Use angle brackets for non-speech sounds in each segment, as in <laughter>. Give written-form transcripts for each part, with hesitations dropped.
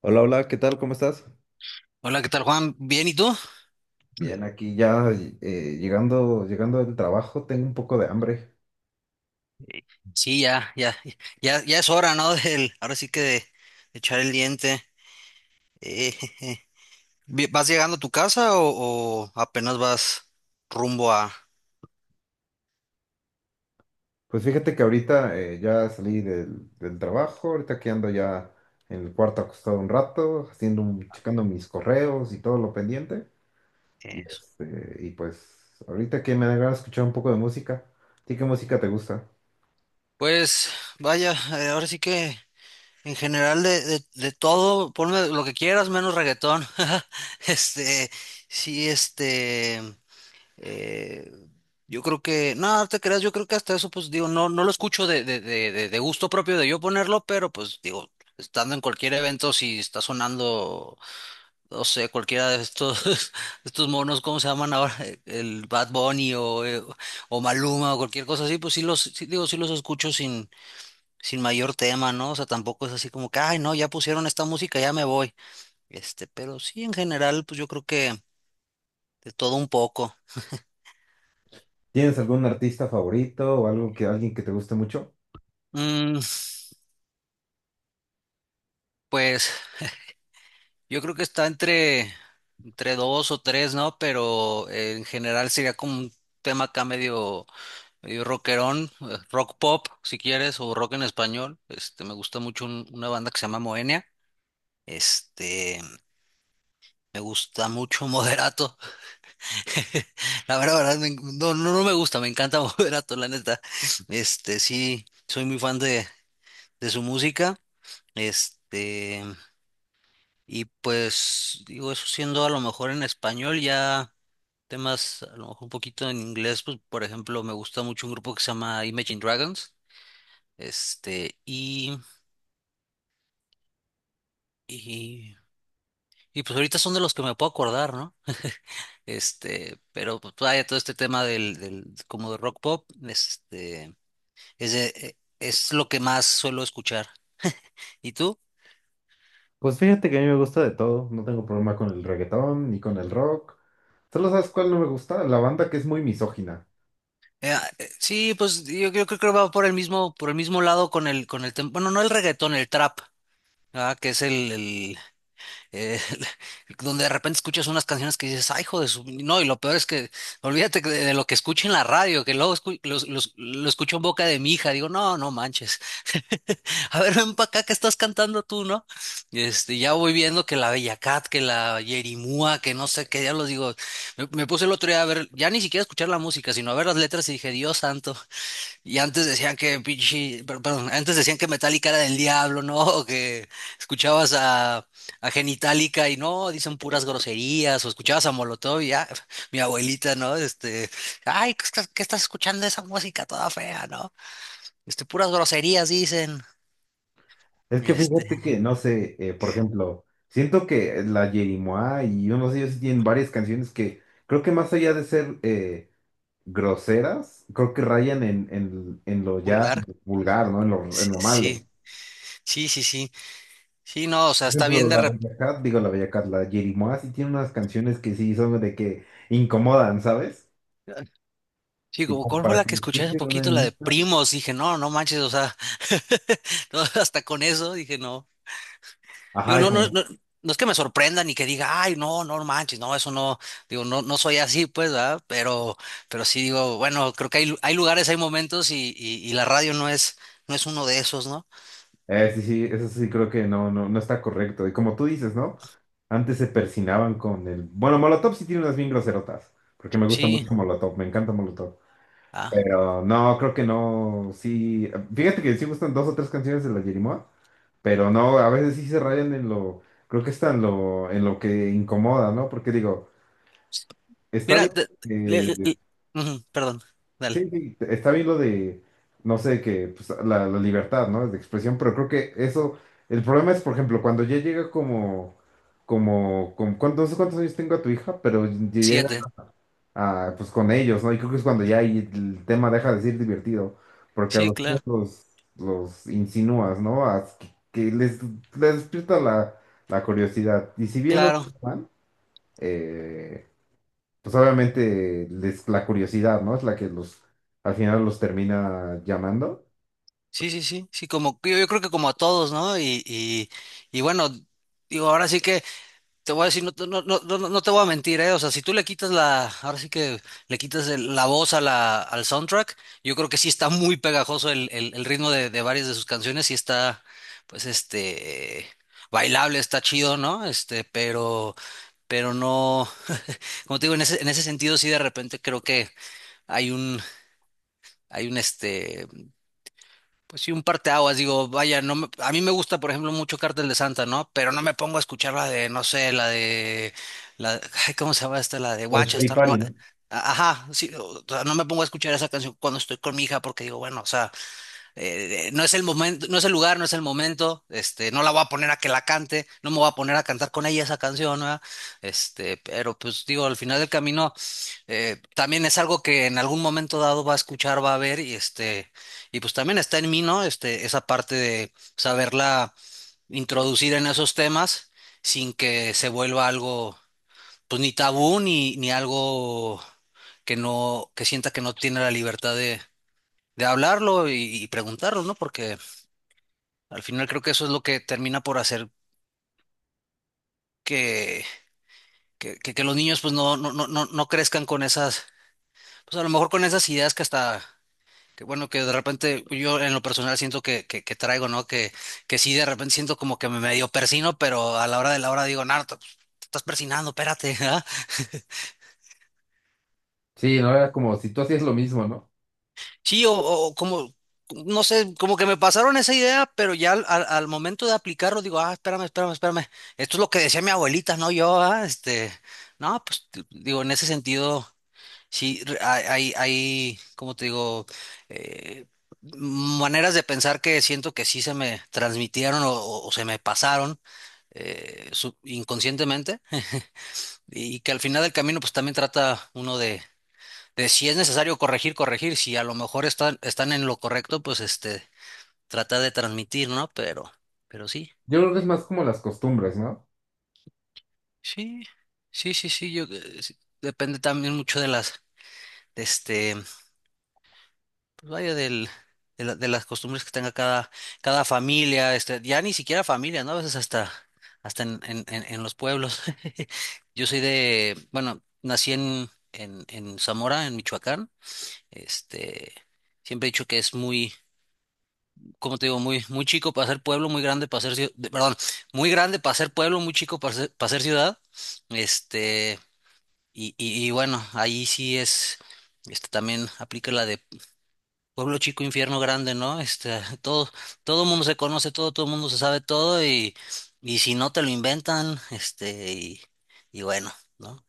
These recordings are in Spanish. Hola, hola, ¿qué tal? ¿Cómo estás? Hola, ¿qué tal, Juan? ¿Bien y tú? Bien, aquí ya llegando del trabajo, tengo un poco de hambre. Sí, ya, ya, ya, ya es hora, ¿no? <laughs> Del, ahora sí que de echar el diente. Jeje. ¿Vas llegando a tu casa o apenas vas rumbo a Pues fíjate que ahorita ya salí del trabajo, ahorita que ando ya en el cuarto acostado un rato, checando mis correos y todo lo pendiente. Y, eso? este, y pues ahorita que me agrada escuchar un poco de música. ¿A ti qué música te gusta? Pues vaya, ahora sí que en general de todo, ponme lo que quieras, menos reggaetón. <laughs> Este, sí, este. Eh, yo creo que, no, no te creas, yo creo que hasta eso, pues digo, no, no lo escucho de gusto propio de yo ponerlo, pero pues digo, estando en cualquier evento, si está sonando, no sé, cualquiera de estos, <laughs> estos monos, ¿cómo se llaman ahora? El Bad Bunny o Maluma o cualquier cosa así, pues sí los, sí, digo, sí los escucho sin mayor tema, ¿no? O sea, tampoco es así como que, ay, no, ya pusieron esta música, ya me voy. Este, pero sí, en general, pues yo creo que de todo un poco. ¿Tienes algún artista favorito o algo que alguien que te guste mucho? Mm, pues. Yo creo que está entre dos o tres, ¿no? Pero en general sería como un tema acá medio, medio rockerón, rock pop, si quieres, o rock en español. Este, me gusta mucho una banda que se llama Moenia. Este, me gusta mucho Moderato. <laughs> La verdad, verdad, no, no, no me gusta, me encanta <laughs> Moderato, la neta. Este, sí, soy muy fan de su música. Este, y pues, digo, eso siendo a lo mejor en español ya. Temas a lo mejor un poquito en inglés, pues por ejemplo me gusta mucho un grupo que se llama Imagine Dragons, este, y, y pues ahorita son de los que me puedo acordar, ¿no? <laughs> Este, pero pues vaya, todo este tema del, como de rock pop, este, es lo que más suelo escuchar. ¿Y tú? Pues fíjate que a mí me gusta de todo, no tengo problema con el reggaetón ni con el rock. Solo sabes cuál no me gusta, la banda que es muy misógina. Sí, pues yo creo que va por el mismo lado con el, bueno, no el reggaetón, el trap, ¿verdad? Que es el, eh, <laughs> donde de repente escuchas unas canciones que dices, ay, hijo de su. No, y lo peor es que, olvídate que de lo que escucho en la radio, que luego lo escucho en boca de mi hija, digo, no, no manches, <laughs> a ver, ven para acá que estás cantando tú, ¿no? Y este, ya voy viendo que la Bella Cat, que la Yerimúa, que no sé qué, ya los digo, me puse el otro día a ver, ya ni siquiera a escuchar la música, sino a ver las letras y dije, Dios santo, y antes decían que pinche, perdón, antes decían que Metallica era del diablo, ¿no? <laughs> O que escuchabas a Genitalica y no, dicen puras groserías, o escuchabas a Molotov y ya, <laughs> mi abuelita, ¿no? Este, ay, ¿qué estás escuchando esa música toda fea, ¿no? Este, puras groserías dicen, Es que este, fíjate que, no sé, por ejemplo, siento que la Yerimoa y unos de ellos tienen varias canciones que creo que más allá de ser groseras, creo que rayan en lo ya vulgar. vulgar, ¿no? En Sí, lo malo. sí, sí, sí, sí, sí, no, o sea, Por está bien ejemplo, la Bella Cat, digo la Bella Cat, la Yerimoa sí tiene unas canciones que sí son de que incomodan, ¿sabes? Sí, Y como como cuál fue para la que que lo escuché hace escuche una poquito, la de niña. Primos, dije, no, no manches, o sea, <laughs> no, hasta con eso, dije, no. Digo, Ajá, y no, no, como, no, no es que me sorprenda ni que diga, ay, no, no manches, no, eso no, digo, no, no soy así, pues, ¿verdad? Pero sí digo, bueno, creo que hay, hay lugares, hay momentos y la radio no es uno de esos, ¿no? Sí, sí, eso sí creo que no, no, no está correcto. Y como tú dices, ¿no? Antes se persinaban con el... Bueno, Molotov sí tiene unas bien groserotas, porque me gusta Sí, mucho Molotov, me encanta Molotov. ah, Pero no, creo que no, sí... Fíjate que sí gustan dos o tres canciones de la Yerimoa, pero no, a veces sí se rayan en lo... Creo que está en lo que incomoda, ¿no? Porque digo, está mira, bien. Le- le- le- ujú, perdón, Sí, dale, sí, está bien lo de, no sé, que pues, la libertad, ¿no? De expresión, pero creo que eso, el problema es, por ejemplo, cuando ya llega como, como, no sé cuántos años tengo a tu hija, pero llega siete, a, pues con ellos, ¿no? Y creo que es cuando ya ahí el tema deja de ser divertido, porque a sí, los niños claro, los insinúas, ¿no? A que, les, les despierta la, la curiosidad. Y si bien no, claro, pues obviamente les, la curiosidad, ¿no? Es la que los, al final los termina llamando. sí, sí, sí, sí, como, yo creo que como a todos, ¿no? Y bueno, digo, ahora sí que. Te voy a decir, no, no, no, no, no te voy a mentir, ¿eh? O sea, si tú le quitas ahora sí que le quitas la voz al soundtrack, yo creo que sí está muy pegajoso el ritmo de varias de sus canciones, sí está, pues, este, bailable, está chido, ¿no? Este, pero no, como te digo, en ese sentido sí de repente creo que hay un, hay un, este, pues sí, un parteaguas, digo, vaya, no me- a mí me gusta, por ejemplo, mucho Cártel de Santa, ¿no? Pero no me pongo a escuchar la de, no sé, la de, la, ay, ¿cómo se llama esta? La de El Guacha, Choripari, ¿no? ajá, sí, o sea, no me pongo a escuchar esa canción cuando estoy con mi hija porque digo, bueno, o sea, no es el momento, no es el lugar, no es el momento, este, no la voy a poner a que la cante, no me voy a poner a cantar con ella esa canción, ¿verdad? Este, pero pues digo, al final del camino también es algo que en algún momento dado va a escuchar, va a ver y este, y pues también está en mí, ¿no? Este, esa parte de saberla introducir en esos temas sin que se vuelva algo, pues ni tabú ni algo que no, que sienta que no tiene la libertad de hablarlo y preguntarlo, ¿no? Porque al final creo que eso es lo que termina por hacer que, que los niños pues no, no, no, no, no crezcan con esas, pues a lo mejor con esas ideas que hasta, que bueno, que de repente yo en lo personal siento que traigo, ¿no? Que sí de repente siento como que me medio persino, pero a la hora de la hora digo, Narta, te estás persinando, espérate, <laughs> ¿ah?". Sí, no era como si tú hacías lo mismo, ¿no? Sí, o como, no sé, como que me pasaron esa idea, pero ya al momento de aplicarlo digo, ah, espérame, espérame, espérame. Esto es lo que decía mi abuelita, no yo, ah, este, no, pues digo, en ese sentido. Sí, hay, como te digo, eh, maneras de pensar que siento que sí se me transmitieron o se me pasaron inconscientemente <laughs> y que al final del camino pues también trata uno de si es necesario corregir, corregir, si a lo mejor están en lo correcto, pues este, trata de transmitir, ¿no? Pero sí, Yo creo que es más como las costumbres, ¿no? sí, sí, sí, sí, yo, sí, depende también mucho de las, de este. Pues vaya de las costumbres que tenga cada familia, este, ya ni siquiera familia, ¿no? A veces hasta en los pueblos. <laughs> Yo soy de, bueno, nací en Zamora, en Michoacán. Este, siempre he dicho que es muy, como te digo, muy, muy chico para ser pueblo, muy grande para ser ciudad, perdón, muy grande para ser pueblo, muy chico para ser ciudad. Este, y bueno, ahí sí es, este también aplica la de Pueblo chico, infierno grande, ¿no? Este, <laughs> todo mundo se conoce todo mundo se sabe todo y si no te lo inventan, este, y bueno, ¿no?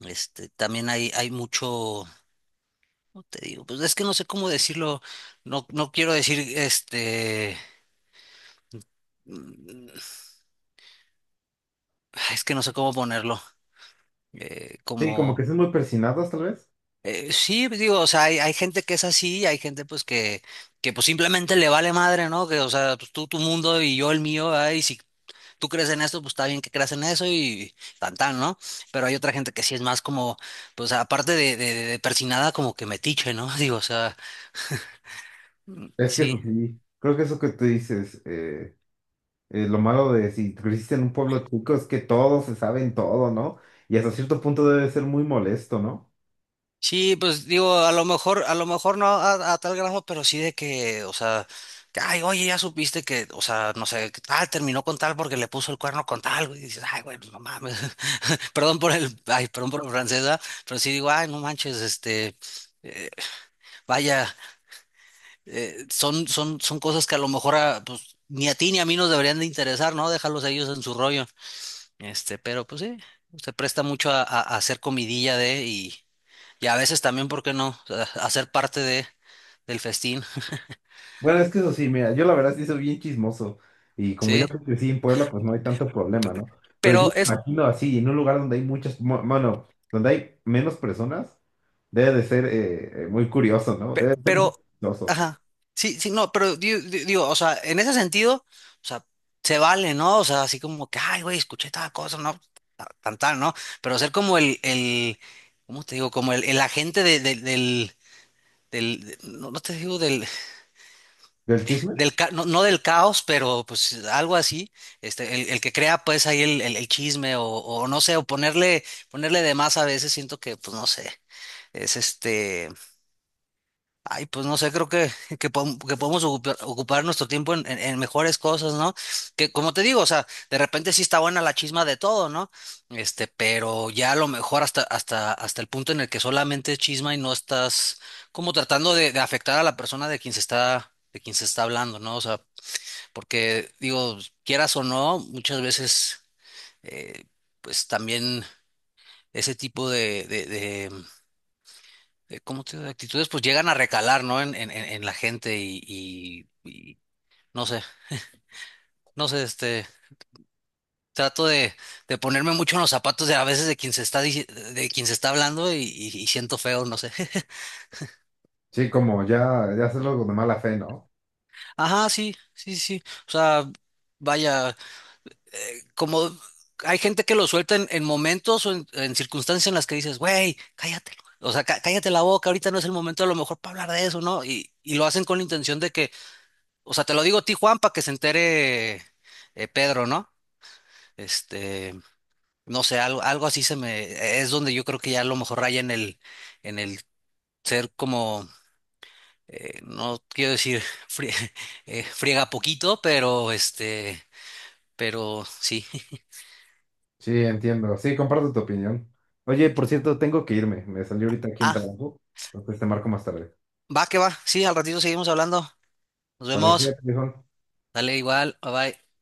Este, también hay mucho, ¿cómo te digo? Pues es que no sé cómo decirlo, no, no quiero decir, este, mm, es que no sé cómo ponerlo, Sí, como como, que son muy persinados, tal vez. Sí, pues digo, o sea, hay gente que es así, y hay gente pues que pues simplemente le vale madre, ¿no? Que, o sea, pues tú tu mundo y yo el mío, ay, si tú crees en eso, pues está bien que creas en eso y tan tan, ¿no? Pero hay otra gente que sí es más como, pues aparte de persinada, como que metiche, ¿no? <laughs> Digo, o sea, Es que sí. eso sí, creo que eso que tú dices, lo malo de si creciste en un pueblo chico es que todos se saben todo, ¿no? Y hasta cierto punto debe ser muy molesto, ¿no? Sí, pues digo, a lo mejor no a tal grado, pero sí de que, o sea, que, ay, oye, ya supiste que, o sea, no sé, que tal, terminó con tal porque le puso el cuerno con tal, güey, y dices, ay, güey, pues, no mames, <laughs> perdón por el, ay, perdón por la francesa, pero sí digo, ay, no manches, este, eh, vaya. Son cosas que a lo mejor a, pues, ni a ti ni a mí nos deberían de interesar, ¿no? Dejarlos a ellos en su rollo. Este, pero pues sí, se presta mucho a hacer comidilla de y a veces también, ¿por qué no? A ser parte del festín, Bueno, es que eso sí, mira, yo la verdad sí soy bien chismoso y como yo ¿sí? crecí en Puebla, pues no hay tanto problema, ¿no? Pero yo Pero me es, imagino así, en un lugar donde hay muchas, bueno, donde hay menos personas, debe de ser muy curioso, ¿no? pe- Debe de ser muy pero, curioso. ajá, sí, sí, no, pero digo, o sea, en ese sentido, o sea, se vale, ¿no? O sea, así como que, ay, güey, escuché tal cosa, ¿no? Tan, tan, ¿no? Pero ser como el, ¿cómo te digo? Como el agente del, no, no te digo del, ¿Del chisme? No, no del caos, pero pues algo así, este, el que crea pues ahí el chisme o no sé, o ponerle, ponerle de más a veces siento que, pues no sé, es este, ay, pues no sé, creo que, que podemos ocupar nuestro tiempo en mejores cosas, ¿no? Que como te digo, o sea, de repente sí está buena la chisma de todo, ¿no? Este, pero ya a lo mejor hasta el punto en el que solamente es chisma y no estás como tratando de afectar a la persona de quien se está, hablando, ¿no? O sea, porque digo, quieras o no, muchas veces, eh, pues también ese tipo de ¿cómo te digo? De actitudes, pues llegan a recalar, ¿no? En la gente y no sé, no sé, este, trato de ponerme mucho en los zapatos de a veces de quien se está, dici- de quien se está hablando y siento feo, no sé. <laughs> Sí, como ya, ya hacerlo de mala fe, ¿no? Ajá, sí, sí, sí. Sí. O sea, vaya, como hay gente que lo suelta en momentos o en circunstancias en las que dices, güey, cállate. O sea, cállate la boca, ahorita no es el momento a lo mejor para hablar de eso, ¿no? Y lo hacen con la intención de que. O sea, te lo digo a ti, Juan, para que se entere Pedro, ¿no? Este, no sé, algo así se me, es donde yo creo que ya a lo mejor raya en el ser como, no quiero decir frie- <laughs> friega poquito, pero este, pero sí. <laughs> Sí, entiendo. Sí, comparto tu opinión. Oye, por cierto, tengo que irme. Me salió ahorita aquí en Ah, trabajo. Entonces te marco más tarde. va que va, sí, al ratito seguimos hablando. Nos Vale, vemos. cuídate, viejo. Dale igual, bye bye.